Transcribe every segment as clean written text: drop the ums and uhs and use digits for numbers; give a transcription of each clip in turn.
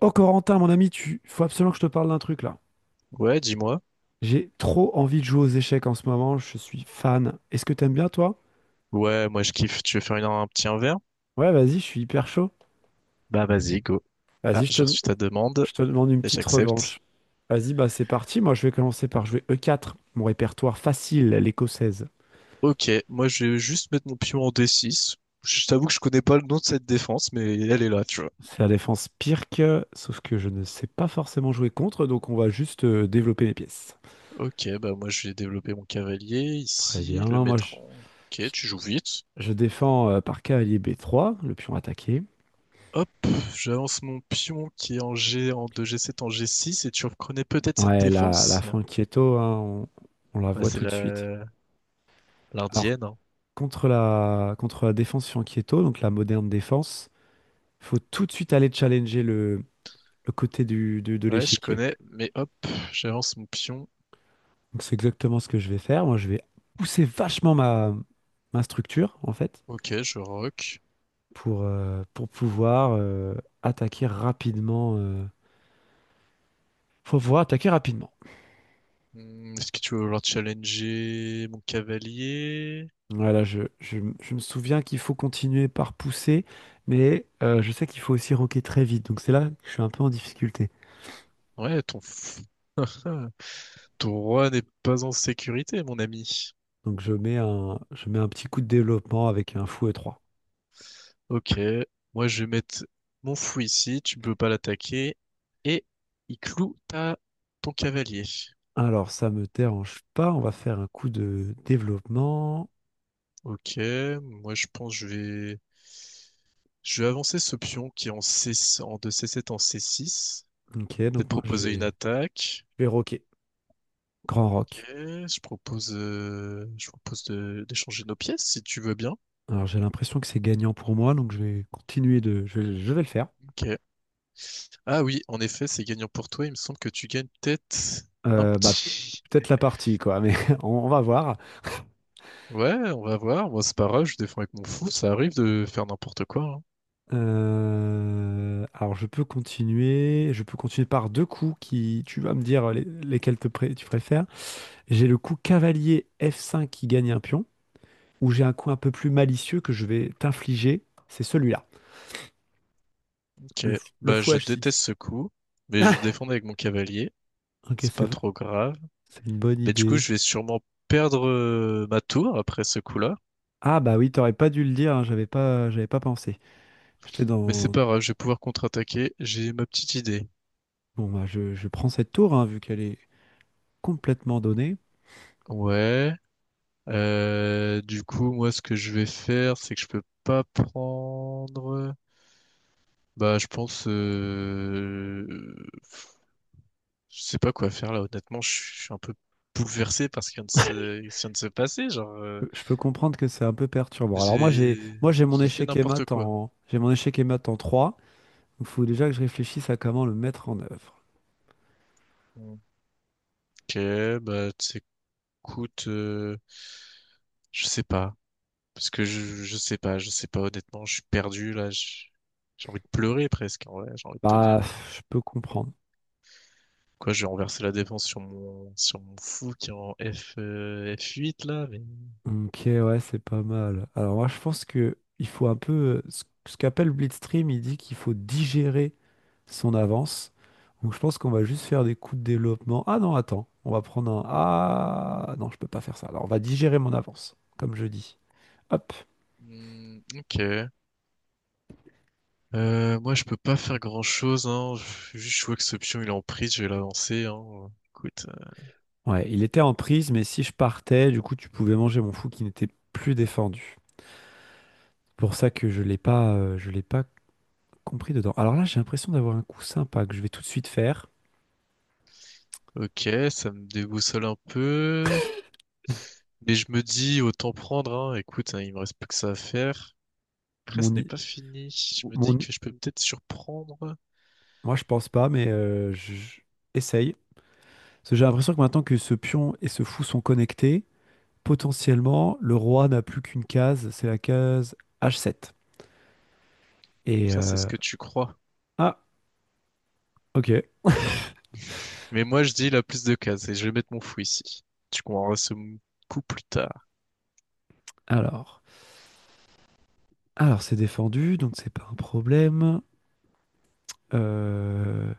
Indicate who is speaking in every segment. Speaker 1: Oh Corentin, mon ami, tu faut absolument que je te parle d'un truc là.
Speaker 2: Ouais, dis-moi.
Speaker 1: J'ai trop envie de jouer aux échecs en ce moment, je suis fan. Est-ce que t'aimes bien toi?
Speaker 2: Ouais, moi je kiffe. Tu veux faire un petit un verre?
Speaker 1: Ouais, vas-y, je suis hyper chaud.
Speaker 2: Bah vas-y, go. Ah,
Speaker 1: Vas-y,
Speaker 2: j'ai reçu ta demande
Speaker 1: je te demande une
Speaker 2: et
Speaker 1: petite
Speaker 2: j'accepte.
Speaker 1: revanche. Vas-y, bah c'est parti, moi je vais commencer par jouer E4, mon répertoire facile, l'écossaise.
Speaker 2: Ok, moi je vais juste mettre mon pion en d six. Je t'avoue que je connais pas le nom de cette défense, mais elle est là, tu vois.
Speaker 1: C'est la défense pire que, sauf que je ne sais pas forcément jouer contre, donc on va juste développer les pièces.
Speaker 2: Ok, bah moi je vais développer mon cavalier
Speaker 1: Très
Speaker 2: ici,
Speaker 1: bien,
Speaker 2: le mettre en... Ok,
Speaker 1: je-
Speaker 2: tu joues vite.
Speaker 1: je défends par cavalier B3, le pion attaqué.
Speaker 2: Hop, j'avance mon pion qui est en G, en deux g sept en g six et tu reconnais peut-être cette
Speaker 1: Ouais, la
Speaker 2: défense?
Speaker 1: fin hein, on la
Speaker 2: Bah
Speaker 1: voit
Speaker 2: c'est
Speaker 1: tout de suite.
Speaker 2: la...
Speaker 1: Alors,
Speaker 2: l'ardienne, hein.
Speaker 1: contre la défense sur donc la moderne défense, faut tout de suite aller challenger le côté de
Speaker 2: Ouais, je
Speaker 1: l'échiquier.
Speaker 2: connais, mais hop, j'avance mon pion.
Speaker 1: Donc, c'est exactement ce que je vais faire. Moi, je vais pousser vachement ma structure, en fait,
Speaker 2: Ok, je rock.
Speaker 1: pour pouvoir attaquer rapidement. Faut pouvoir attaquer rapidement.
Speaker 2: Hmm, est-ce que tu veux vouloir challenger mon cavalier?
Speaker 1: Voilà, je me souviens qu'il faut continuer par pousser, mais je sais qu'il faut aussi rocker très vite. Donc c'est là que je suis un peu en difficulté.
Speaker 2: Ouais, ton, f- Ton roi n'est pas en sécurité, mon ami.
Speaker 1: Donc je mets un petit coup de développement avec un fouet 3.
Speaker 2: Ok, moi je vais mettre mon fou ici, tu peux pas l'attaquer. Et il cloue ta... ton cavalier.
Speaker 1: Alors ça me dérange pas, on va faire un coup de développement.
Speaker 2: Ok, moi je pense que je vais... Je vais avancer ce pion qui est en, C... en de c sept en c six.
Speaker 1: Ok,
Speaker 2: Peut-être
Speaker 1: donc
Speaker 2: proposer une
Speaker 1: je
Speaker 2: attaque.
Speaker 1: vais rocker. Grand
Speaker 2: Ok,
Speaker 1: rock.
Speaker 2: je propose d'échanger nos pièces si tu veux bien.
Speaker 1: Alors j'ai l'impression que c'est gagnant pour moi, donc je vais continuer de. Je vais le faire.
Speaker 2: Ok. Ah oui, en effet, c'est gagnant pour toi. Il me semble que tu gagnes peut-être un
Speaker 1: Bah,
Speaker 2: petit.
Speaker 1: peut-être la partie, quoi, mais on va voir.
Speaker 2: Ouais, on va voir. Moi, c'est pas grave, je défends avec mon fou. Ça arrive de faire n'importe quoi, hein.
Speaker 1: Alors je peux continuer par deux coups qui, tu vas me dire tu préfères. J'ai le coup cavalier F5 qui gagne un pion, ou j'ai un coup un peu plus malicieux que je vais t'infliger, c'est celui-là,
Speaker 2: Ok.
Speaker 1: le
Speaker 2: Bah,
Speaker 1: fou
Speaker 2: je
Speaker 1: H6.
Speaker 2: déteste ce coup, mais je défends avec mon cavalier.
Speaker 1: Ok,
Speaker 2: C'est pas trop grave.
Speaker 1: c'est une bonne
Speaker 2: Mais du coup,
Speaker 1: idée.
Speaker 2: je vais sûrement perdre ma tour après ce coup-là.
Speaker 1: Ah bah oui, t'aurais pas dû le dire, hein, j'avais pas pensé. J'étais
Speaker 2: Mais c'est
Speaker 1: dans...
Speaker 2: pas grave, je vais pouvoir contre-attaquer. J'ai ma petite idée.
Speaker 1: Bon bah je prends cette tour, hein, vu qu'elle est complètement donnée.
Speaker 2: Ouais. Du coup, moi, ce que je vais faire, c'est que je peux pas prendre. Bah, je pense, pff, je sais pas quoi faire là. Honnêtement, je suis un peu bouleversé par ce qui vient de se passer. Genre,
Speaker 1: Je peux comprendre que c'est un peu perturbant. Alors
Speaker 2: j'ai,
Speaker 1: moi j'ai mon
Speaker 2: j'ai fait
Speaker 1: échec et
Speaker 2: n'importe
Speaker 1: mat
Speaker 2: quoi.
Speaker 1: en j'ai mon échec et mat en 3. Il faut déjà que je réfléchisse à comment le mettre en œuvre.
Speaker 2: Ok, bah, t'écoutes, Je sais pas, parce que je sais pas, je sais pas. Honnêtement, je suis perdu là. J'ai envie de pleurer presque. En vrai, j'ai envie de te dire.
Speaker 1: Bah je peux comprendre.
Speaker 2: Quoi, je vais renverser la défense sur mon fou qui est en F, F8 là. Mais
Speaker 1: Ok ouais c'est pas mal. Alors moi je pense que il faut un peu ce qu'appelle Blitzstream, il dit qu'il faut digérer son avance. Donc je pense qu'on va juste faire des coups de développement. Ah non attends, on va prendre un ah non je peux pas faire ça. Alors on va digérer mon avance comme je dis. Hop.
Speaker 2: hmm, ok. Moi, je peux pas faire grand-chose, hein. Juste, je vois que ce pion, il est en prise, je vais l'avancer, hein. Écoute,
Speaker 1: Ouais, il était en prise, mais si je partais, du coup, tu pouvais manger mon fou qui n'était plus défendu. Pour ça que je l'ai pas, compris dedans. Alors là, j'ai l'impression d'avoir un coup sympa que je vais tout de suite faire.
Speaker 2: ok, ça me déboussole un peu, mais je me dis, autant prendre, hein. Écoute, hein, il me reste plus que ça à faire. Après, ce
Speaker 1: Mon,
Speaker 2: n'est
Speaker 1: i-
Speaker 2: pas fini. Je me dis
Speaker 1: mon, i-
Speaker 2: que je peux peut-être surprendre.
Speaker 1: Moi, je pense pas, mais essaye. Parce que j'ai l'impression que maintenant que ce pion et ce fou sont connectés, potentiellement, le roi n'a plus qu'une case, c'est la case H7. Et
Speaker 2: Ça, c'est ce que tu crois.
Speaker 1: ah, ok.
Speaker 2: Mais moi, je dis la plus de cases et je vais mettre mon fou ici. Tu comprendras coup plus tard.
Speaker 1: Alors, alors c'est défendu, donc c'est pas un problème. Euh,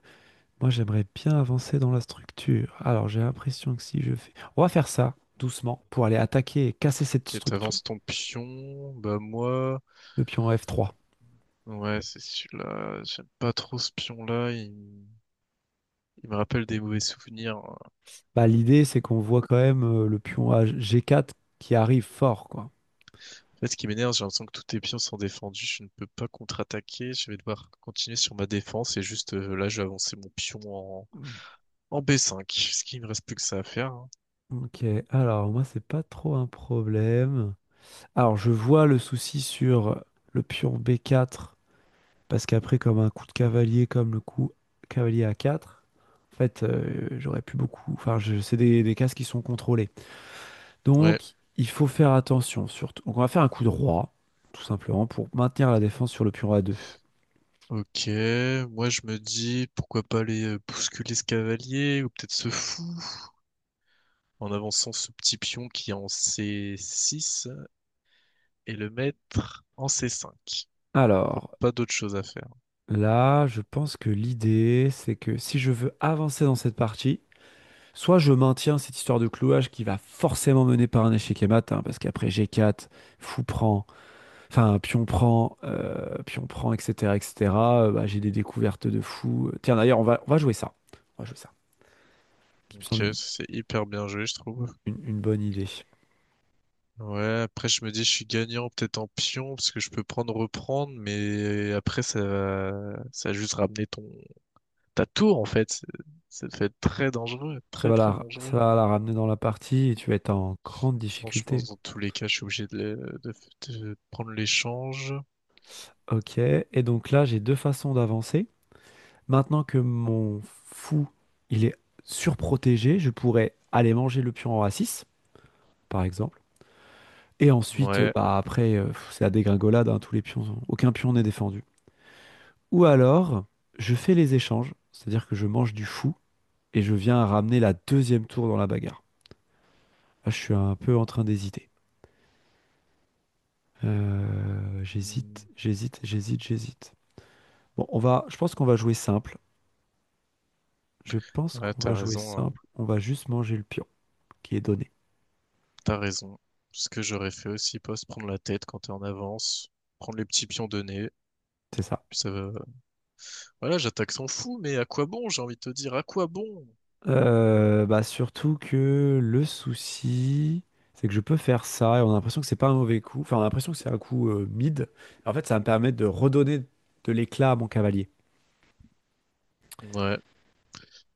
Speaker 1: Moi, j'aimerais bien avancer dans la structure. Alors, j'ai l'impression que si je fais... On va faire ça doucement pour aller attaquer et casser cette
Speaker 2: Ok,
Speaker 1: structure,
Speaker 2: t'avances ton pion. Bah moi,
Speaker 1: le pion F3.
Speaker 2: ouais, c'est celui-là. J'aime pas trop ce pion-là. Il me rappelle des mauvais souvenirs.
Speaker 1: Bah, l'idée, c'est qu'on voit quand même le pion G4 qui arrive fort, quoi.
Speaker 2: Là, ce qui m'énerve, j'ai l'impression que tous tes pions sont défendus, je ne peux pas contre-attaquer, je vais devoir continuer sur ma défense et juste là, je vais avancer mon pion en B5, ce qui me reste plus que ça à faire, hein.
Speaker 1: Ok, alors moi, c'est pas trop un problème. Alors, je vois le souci sur le pion B4, parce qu'après, comme un coup de cavalier, comme le coup cavalier A4, en fait, j'aurais pu beaucoup... Enfin, des cases qui sont contrôlées.
Speaker 2: Ouais,
Speaker 1: Donc, il faut faire attention surtout. Donc, on va faire un coup de roi, tout simplement, pour maintenir la défense sur le pion a2.
Speaker 2: ok, moi je me dis pourquoi pas aller bousculer ce cavalier ou peut-être ce fou en avançant ce petit pion qui est en C6 et le mettre en C5. Faut
Speaker 1: Alors,
Speaker 2: pas d'autre chose à faire.
Speaker 1: là, je pense que l'idée, c'est que si je veux avancer dans cette partie, soit je maintiens cette histoire de clouage qui va forcément mener par un échec et mat, hein, parce qu'après G4, fou prend, enfin, pion prend, etc., etc., bah, j'ai des découvertes de fou. Tiens, d'ailleurs, on va jouer ça. On va jouer ça, qui me semble
Speaker 2: Ok, c'est hyper bien joué, je trouve.
Speaker 1: une bonne idée.
Speaker 2: Ouais, après je me dis je suis gagnant peut-être en pion parce que je peux prendre reprendre, mais après ça va juste ramener ton ta tour en fait. Ça peut être très dangereux, très très dangereux.
Speaker 1: Ça va la ramener dans la partie et tu vas être en grande
Speaker 2: Sinon, je
Speaker 1: difficulté.
Speaker 2: pense dans tous les cas, je suis obligé de prendre l'échange.
Speaker 1: Ok, et donc là, j'ai deux façons d'avancer. Maintenant que mon fou, il est surprotégé, je pourrais aller manger le pion en a6, par exemple. Et ensuite,
Speaker 2: Ouais,
Speaker 1: bah après, pff, c'est la dégringolade, hein, tous les pions, sont- aucun pion n'est défendu. Ou alors, je fais les échanges, c'est-à-dire que je mange du fou et je viens à ramener la deuxième tour dans la bagarre. Là, je suis un peu en train d'hésiter.
Speaker 2: hmm.
Speaker 1: J'hésite. Bon, je pense qu'on va jouer simple. Je pense
Speaker 2: Ouais,
Speaker 1: qu'on va
Speaker 2: t'as
Speaker 1: jouer
Speaker 2: raison, hein.
Speaker 1: simple. On va juste manger le pion qui est donné.
Speaker 2: T'as raison. Ce que j'aurais fait aussi, pas se prendre la tête quand t'es en avance, prendre les petits pions donnés.
Speaker 1: C'est ça.
Speaker 2: Puis ça va. Voilà, j'attaque sans fou, mais à quoi bon? J'ai envie de te dire, à quoi bon?
Speaker 1: Bah surtout que le souci, c'est que je peux faire ça et on a l'impression que c'est pas un mauvais coup. Enfin, on a l'impression que c'est un coup mid. En fait, ça va me permet de redonner de l'éclat à mon cavalier.
Speaker 2: Ouais.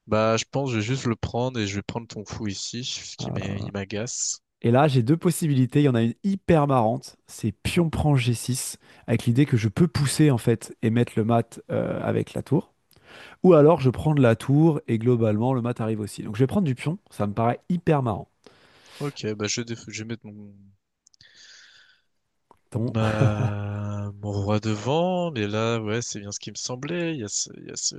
Speaker 2: Bah, je pense, que je vais juste le prendre et je vais prendre ton fou ici,
Speaker 1: Voilà.
Speaker 2: il m'agace.
Speaker 1: Et là, j'ai deux possibilités. Il y en a une hyper marrante, c'est pion prend G6, avec l'idée que je peux pousser en fait et mettre le mat avec la tour. Ou alors je prends de la tour et globalement le mat arrive aussi. Donc je vais prendre du pion, ça me paraît hyper marrant.
Speaker 2: Ok, bah je vais, je vais mettre mon
Speaker 1: Ton,
Speaker 2: Mon roi devant, mais là, ouais, c'est bien ce qui me semblait. Il y a ce,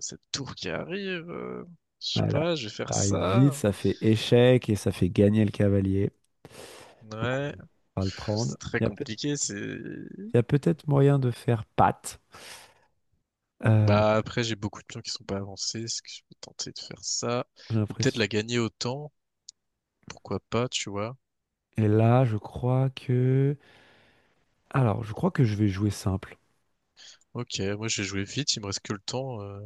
Speaker 2: cette tour qui arrive. Je sais
Speaker 1: voilà.
Speaker 2: pas, je vais faire
Speaker 1: Ça arrive vite,
Speaker 2: ça.
Speaker 1: ça fait échec et ça fait gagner le cavalier. Donc on
Speaker 2: Ouais.
Speaker 1: va le
Speaker 2: Pff,
Speaker 1: prendre.
Speaker 2: c'est très compliqué. C'est.
Speaker 1: Il y a peut-être moyen de faire patte. Euh,
Speaker 2: Bah après, j'ai beaucoup de pions qui sont pas avancés. Est-ce que je peux tenter de faire ça?
Speaker 1: j'ai
Speaker 2: Ou peut-être
Speaker 1: l'impression.
Speaker 2: la gagner au temps. Pourquoi pas, tu vois?
Speaker 1: Et là, je crois que. Alors, je crois que je vais jouer simple.
Speaker 2: Ok, moi j'ai joué vite. Il me reste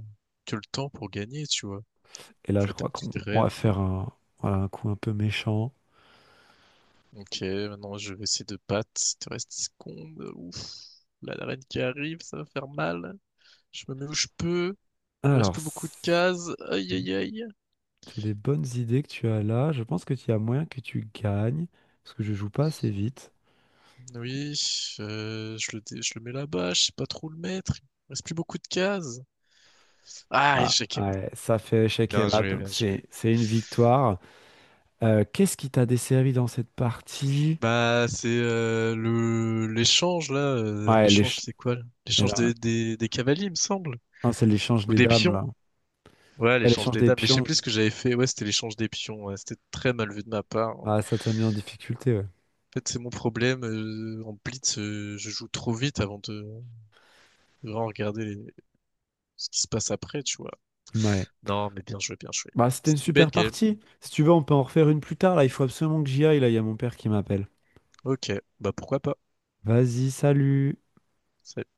Speaker 2: que le temps pour gagner, tu vois.
Speaker 1: Et là,
Speaker 2: Je vais
Speaker 1: je
Speaker 2: à ta
Speaker 1: crois qu'on
Speaker 2: petite
Speaker 1: on va
Speaker 2: reine.
Speaker 1: faire un, voilà, un coup un peu méchant.
Speaker 2: Ok, maintenant je vais essayer de battre. Il te reste 10 secondes. Ouf. Là, la reine qui arrive, ça va faire mal. Je me mets où je peux. Il me reste
Speaker 1: Alors,
Speaker 2: plus beaucoup de cases. Aïe aïe aïe.
Speaker 1: c'est des bonnes idées que tu as là. Je pense que tu as moyen que tu gagnes, parce que je joue pas assez vite.
Speaker 2: Oui, je je le mets là-bas. Je sais pas trop où le mettre. Il me reste plus beaucoup de cases. Ah,
Speaker 1: Ah,
Speaker 2: échec et mat.
Speaker 1: ouais, ça fait échec et
Speaker 2: Bien
Speaker 1: mat,
Speaker 2: joué,
Speaker 1: donc
Speaker 2: bien joué.
Speaker 1: c'est une victoire. Qu'est-ce qui t'a desservi dans cette partie?
Speaker 2: Bah, c'est le l'échange là. Euh,
Speaker 1: Ouais,
Speaker 2: l'échange, c'est quoi là?
Speaker 1: eh
Speaker 2: L'échange
Speaker 1: ben,
Speaker 2: des cavaliers, il me semble.
Speaker 1: non, c'est l'échange
Speaker 2: Ou
Speaker 1: des
Speaker 2: des
Speaker 1: dames,
Speaker 2: pions.
Speaker 1: là.
Speaker 2: Ouais,
Speaker 1: Ouais,
Speaker 2: l'échange
Speaker 1: l'échange
Speaker 2: des
Speaker 1: des
Speaker 2: dames. Mais je sais
Speaker 1: pions.
Speaker 2: plus ce que j'avais fait. Ouais, c'était l'échange des pions, ouais. C'était très mal vu de ma part. En
Speaker 1: Ah, ça t'a mis en difficulté, ouais.
Speaker 2: fait, c'est mon problème. En blitz, je joue trop vite avant de vraiment regarder ce qui se passe après, tu vois.
Speaker 1: Ouais.
Speaker 2: Non, mais bien joué, bien joué.
Speaker 1: Bah, c'était une
Speaker 2: C'était une
Speaker 1: super
Speaker 2: belle game.
Speaker 1: partie. Si tu veux, on peut en refaire une plus tard, là. Il faut absolument que j'y aille, là. Il y a mon père qui m'appelle.
Speaker 2: Ok, bah pourquoi pas.
Speaker 1: Vas-y, salut!
Speaker 2: Salut.